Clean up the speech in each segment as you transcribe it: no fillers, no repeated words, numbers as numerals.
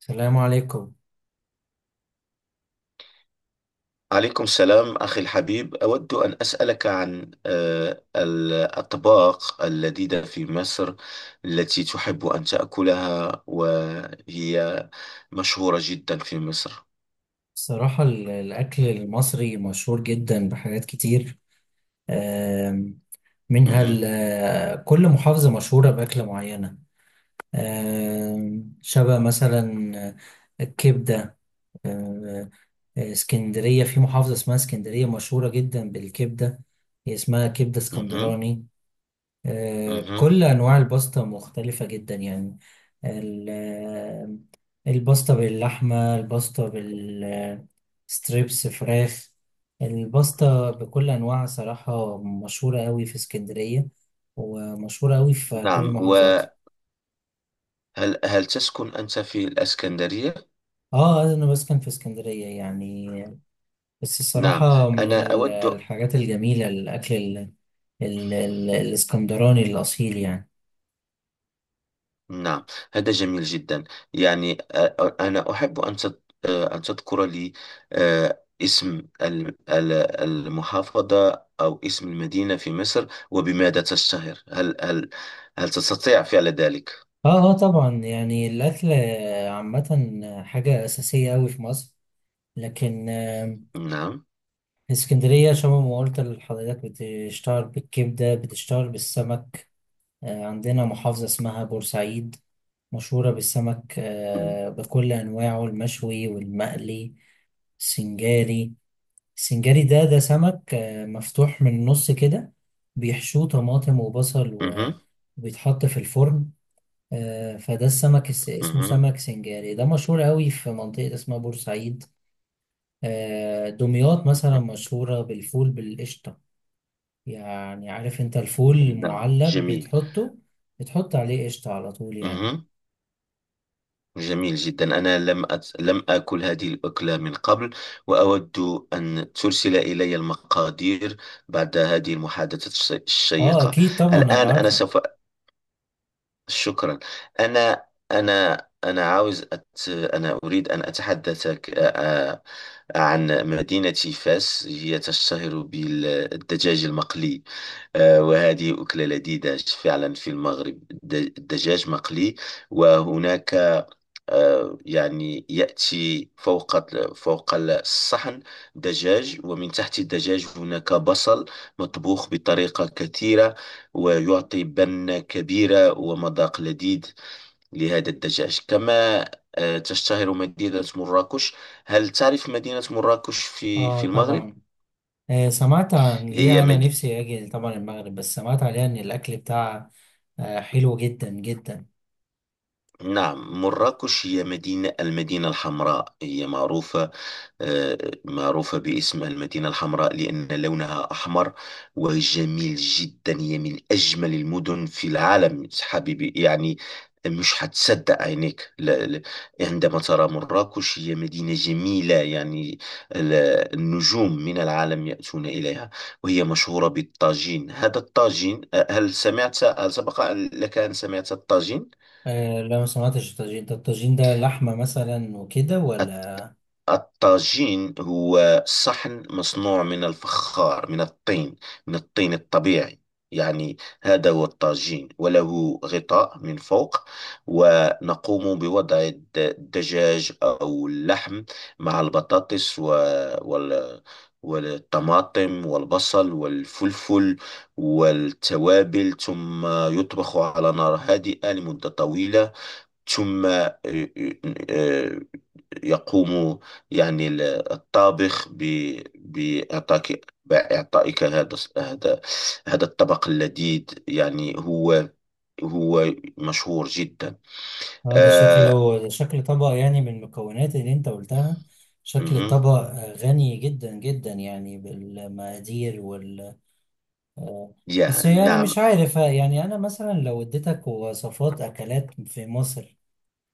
السلام عليكم. عليكم السلام أخي الحبيب، أود أن أسألك عن الأطباق اللذيذة في مصر التي تحب أن تأكلها وهي مشهورة جدا في مصر. الصراحة الأكل المصري مشهور جدا بحاجات كتير. آم، منها مهم. ال- كل محافظة مشهورة بأكلة معينة. شبه مثلا الكبدة. آم، اسكندرية، في محافظة اسمها اسكندرية مشهورة جدا بالكبدة، هي اسمها كبدة مهم. اسكندراني. مهم. كل أنواع الباستا مختلفة جدا يعني. الباستا باللحمة، الباستا بالستريبس فراخ، الباستا بكل أنواعها صراحة مشهورة أوي في اسكندرية، ومشهورة أوي في كل نعم، المحافظات. وهل هل تسكن أنت في الإسكندرية؟ اه، أنا بسكن في اسكندرية يعني. بس نعم، الصراحة، من أنا أود. الحاجات الجميلة، الأكل الاسكندراني الأصيل يعني. نعم، هذا جميل جدا. أنا أحب أن تذكر لي اسم المحافظة أو اسم المدينة في مصر وبماذا تشتهر. هل تستطيع فعل ذلك؟ اه اه، طبعا يعني الأكل عامة حاجة أساسية أوي في مصر. لكن نعم. اسكندرية شبه ما قلت لحضرتك، بتشتهر بالكبدة، بتشتهر بالسمك. عندنا محافظة اسمها بورسعيد مشهورة بالسمك، بكل أنواعه، المشوي والمقلي، السنجاري. السنجاري ده سمك، مفتوح من النص كده، بيحشوه طماطم وبصل مهم. وبيتحط في الفرن. فده السمك، اسمه مهم. سمك سنجاري، ده مشهور قوي في منطقة اسمها بورسعيد. دمياط مثلا مهم. مشهورة بالفول بالقشطة. يعني عارف انت الفول نعم، المعلب جميل. بتحطه، بتحط عليه قشطة على طول يعني. مهم. جميل جدا. أنا لم أت... لم آكل هذه الأكلة من قبل، وأود أن ترسل إلي المقادير بعد هذه المحادثة اه، الشيقة. اكيد طبعا الآن هبعت أنا لك. سوف، شكرا. أنا أنا أنا أريد أن أتحدثك عن مدينة فاس. هي تشتهر بالدجاج المقلي، وهذه أكلة لذيذة فعلا في المغرب. الدجاج مقلي، وهناك يأتي فوق الصحن دجاج، ومن تحت الدجاج هناك بصل مطبوخ بطريقة كثيرة، ويعطي بنة كبيرة ومذاق لذيذ لهذا الدجاج. كما تشتهر مدينة مراكش. هل تعرف مدينة مراكش في اه المغرب؟ طبعا. سمعت عن ليه، هي انا مد... نفسي اجي طبعا المغرب، بس سمعت عليها ان الاكل بتاعها حلو جدا جدا. نعم، مراكش هي مدينة المدينة الحمراء، هي معروفة، آه، معروفة باسم المدينة الحمراء لأن لونها أحمر وجميل جدا. هي من أجمل المدن في العالم حبيبي، يعني مش هتصدق عينيك. لا لا، عندما ترى مراكش هي مدينة جميلة، يعني ال- النجوم من العالم يأتون إليها. وهي مشهورة بالطاجين. هذا الطاجين هل سبق لك أن سمعت الطاجين؟ لا، ما سمعتش الطاجين ده لحمة مثلا وكده ولا؟ الطاجين هو صحن مصنوع من الفخار، من الطين، من الطين الطبيعي، يعني. هذا هو الطاجين، وله غطاء من فوق، ونقوم بوضع الدجاج أو اللحم مع البطاطس وال... والطماطم والبصل والفلفل والتوابل، ثم يطبخ على نار هادئة لمدة طويلة. ثم آه، يقوم، يعني الطابخ ب- بإعطاك بإعطائك هذا هذا الطبق اللذيذ، يعني هو، هو مشهور جدا. اه، آه. ده شكل طبق يعني، من المكونات اللي انت قلتها. شكل مهم. الطبق غني جدا جدا يعني بالمقادير. آه، بس يا يعني مش نعم. عارف، يعني انا مثلا لو اديتك وصفات اكلات في مصر،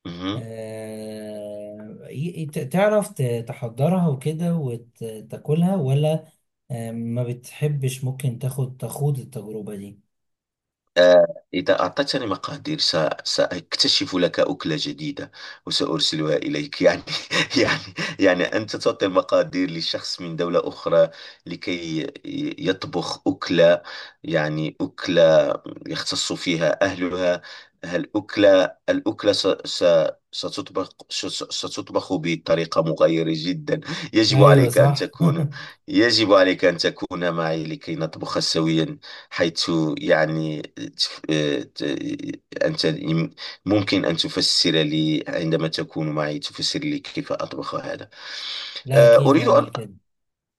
مهم. تعرف تحضرها وكده وتاكلها ولا؟ ما بتحبش، ممكن تخوض التجربة دي. آه، إذا أعطتني مقادير سأكتشف لك أكلة جديدة وسأرسلها إليك. يعني يعني أنت تعطي مقادير لشخص من دولة أخرى لكي يطبخ أكلة، أكلة يختص فيها أهلها. هل أكلة الأكلة ستطبخ بطريقة مغايرة جدا. يجب ايوه عليك أن صح تكون، يجب عليك أن تكون معي لكي نطبخ سويا، حيث يعني تف- آه، ت- أنت ممكن أن تفسر لي، عندما تكون معي تفسر لي كيف أطبخ هذا. لا آه، اكيد، أريد أن، نعمل كده.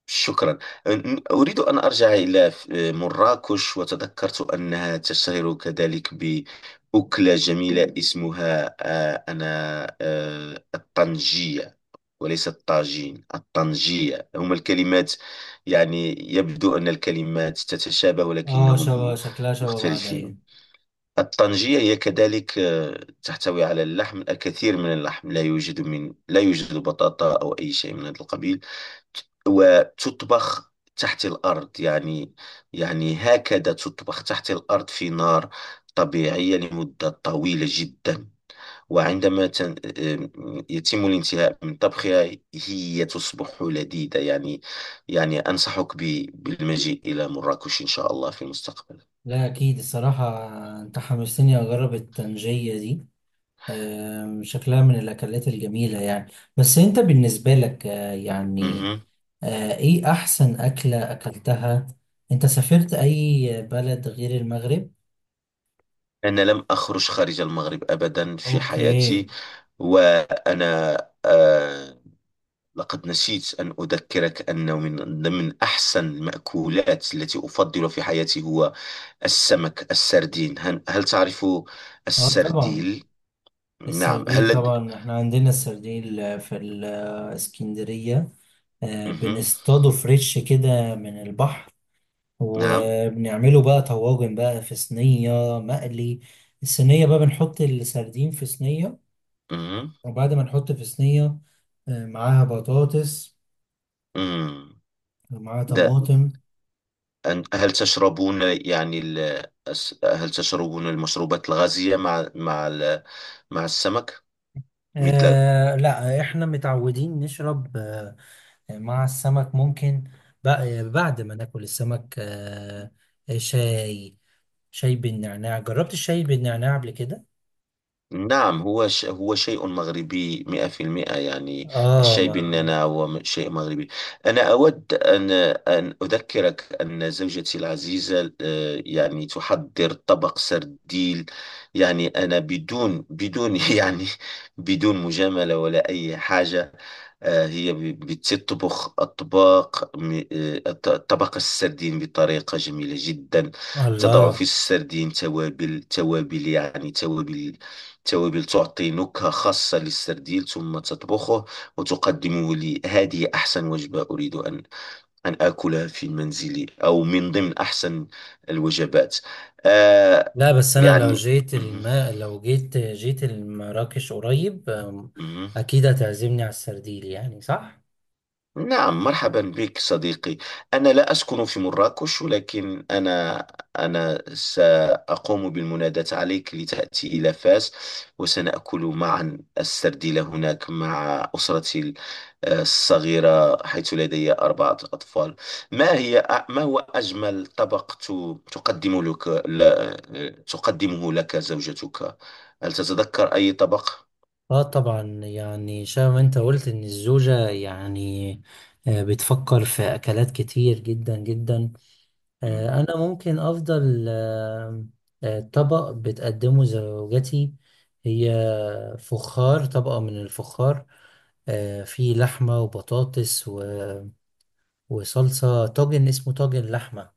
شكرا. آه، أريد أن أرجع إلى مراكش. وتذكرت أنها تشتهر كذلك بأكلة جميلة اسمها آه، أنا آه، الطنجية، وليس الطاجين. الطنجية هما الكلمات، يعني يبدو أن الكلمات تتشابه اه، ولكنهم شكلها شبه بعض، ايوه. مختلفين. الطنجية هي كذلك تحتوي على اللحم، الكثير من اللحم. لا يوجد، لا يوجد بطاطا أو أي شيء من هذا القبيل، وتطبخ تحت الأرض، يعني. يعني هكذا تطبخ تحت الأرض في نار طبيعية لمدة طويلة جدا. وعندما تن- آم، يتم الانتهاء من طبخها هي تصبح لذيذة، يعني. يعني أنصحك بالمجيء إلى مراكش إن شاء الله في المستقبل. لا اكيد الصراحة، انت حمستني اجرب الطنجية دي. شكلها من الأكلات الجميلة يعني. بس أنت بالنسبة لك، مهم. إيه أحسن أكلة أكلتها؟ أنت سافرت أي بلد غير المغرب؟ أنا لم أخرج خارج المغرب أبدا في حياتي. أوكي. وأنا آه، لقد نسيت أن أذكرك أنه من من أحسن المأكولات التي أفضل في حياتي هو السمك السردين. هل تعرف أه طبعا. السرديل؟ نعم. السرديل طبعا، إحنا عندنا السرديل في الإسكندرية. مهم. بنصطاده فريش كده من البحر، نعم. وبنعمله بقى طواجن بقى، في صينية مقلي. الصينية بقى بنحط السردين في صينية، مم. وبعد ما نحط في صينية معاها بطاطس، مم. ومعاها ده. طماطم هل تشربون يعني هل تشربون المشروبات الغازية مع مع السمك مثل؟ لا، احنا متعودين نشرب مع السمك، ممكن. بعد ما ناكل السمك، شاي. شاي بالنعناع، جربت الشاي بالنعناع قبل كده؟ نعم، هو شيء مغربي مئة في المئة، يعني. اه الشاي ما. بالنعناع هو شيء مغربي. أنا أود أن، أن أذكرك أن زوجتي العزيزة، تحضر طبق سرديل، يعني. أنا بدون يعني بدون مجاملة ولا أي حاجة. آه، هي بتطبخ أطباق طبق السردين بطريقة جميلة جدا. تضع في الله، السردين توابل، توابل تعطي نكهة خاصة للسرديل، ثم تطبخه وتقدمه لي. هذه أحسن وجبة أريد أن، أن آكلها في منزلي، أو من ضمن أحسن الوجبات. آه، لا بس انا يعني. مهم. لو جيت المراكش قريب، مهم. اكيد هتعزمني على السرديل يعني، صح. نعم، مرحبا بك صديقي. أنا لا أسكن في مراكش، ولكن أنا، أنا سأقوم بالمناداة عليك لتأتي إلى فاس، وسنأكل معا السرديلة هناك مع أسرتي الصغيرة، حيث لدي أربعة أطفال. ما هي ما هو أجمل طبق تقدمه لك زوجتك؟ هل تتذكر أي طبق؟ اه طبعا، يعني شبه ما انت قلت ان الزوجة يعني بتفكر في اكلات كتير جدا جدا. مم. انا ممكن افضل طبق بتقدمه زوجتي. هي فخار، طبقة من الفخار، فيه لحمة وبطاطس وصلصة طاجن، اسمه طاجن لحمة.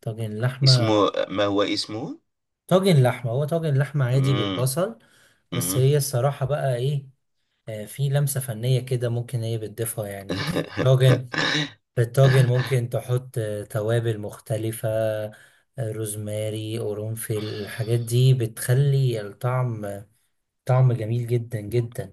طاجن لحمة. اسمه، ما هو اسمه؟ طاجن لحمة هو طاجن لحمة عادي مم. بالبصل. بس مم. هي الصراحة بقى ايه، في لمسة فنية كده ممكن هي بتضيفها يعني في الطاجن. ممكن تحط توابل مختلفة، روزماري، قرنفل، الحاجات دي بتخلي طعم جميل جدا جدا.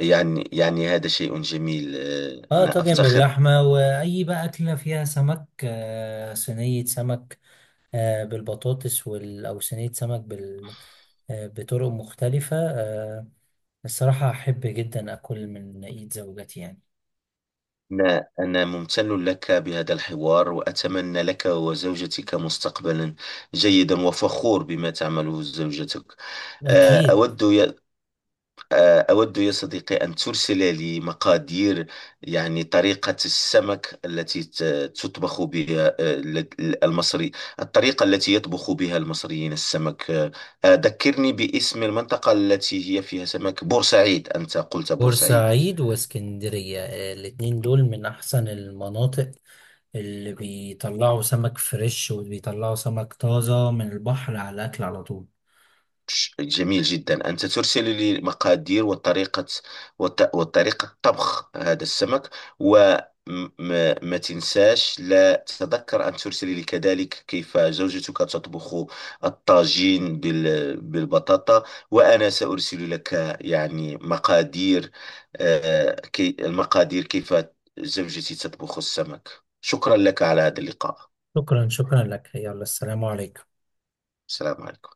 يعني، يعني هذا شيء جميل. آه، اه، أنا طاجن أفتخر. باللحمة، وأي بقى أكلة فيها سمك، صينية سمك بالبطاطس أو صينية سمك بطرق مختلفة، الصراحة أحب جدا أكل من إيد زوجتي يعني. أنا أنا ممتن لك بهذا الحوار، وأتمنى لك وزوجتك مستقبلا جيدا، وفخور بما تعمله زوجتك. آه، أكيد. أود، آه، أود يا صديقي أن ترسل لي مقادير، يعني طريقة السمك التي تطبخ بها. آه، المصري، الطريقة التي يطبخ بها المصريين السمك. ذكرني باسم المنطقة التي هي فيها سمك بورسعيد. أنت قلت بورسعيد. بورسعيد واسكندرية، الاتنين دول من أحسن المناطق اللي بيطلعوا سمك فريش، وبيطلعوا سمك طازة من البحر على الأكل على طول. جميل جدا. أنت ترسل لي مقادير وطريقة، وطريقة طبخ هذا السمك، وما تنساش، لا تتذكر أن ترسل لي كذلك كيف زوجتك تطبخ الطاجين بالبطاطا. وأنا سأرسل لك، يعني مقادير. آه، كي المقادير كيف زوجتي تطبخ السمك. شكرا لك على هذا اللقاء. شكرا شكرا لك، يلا، السلام عليكم. السلام عليكم.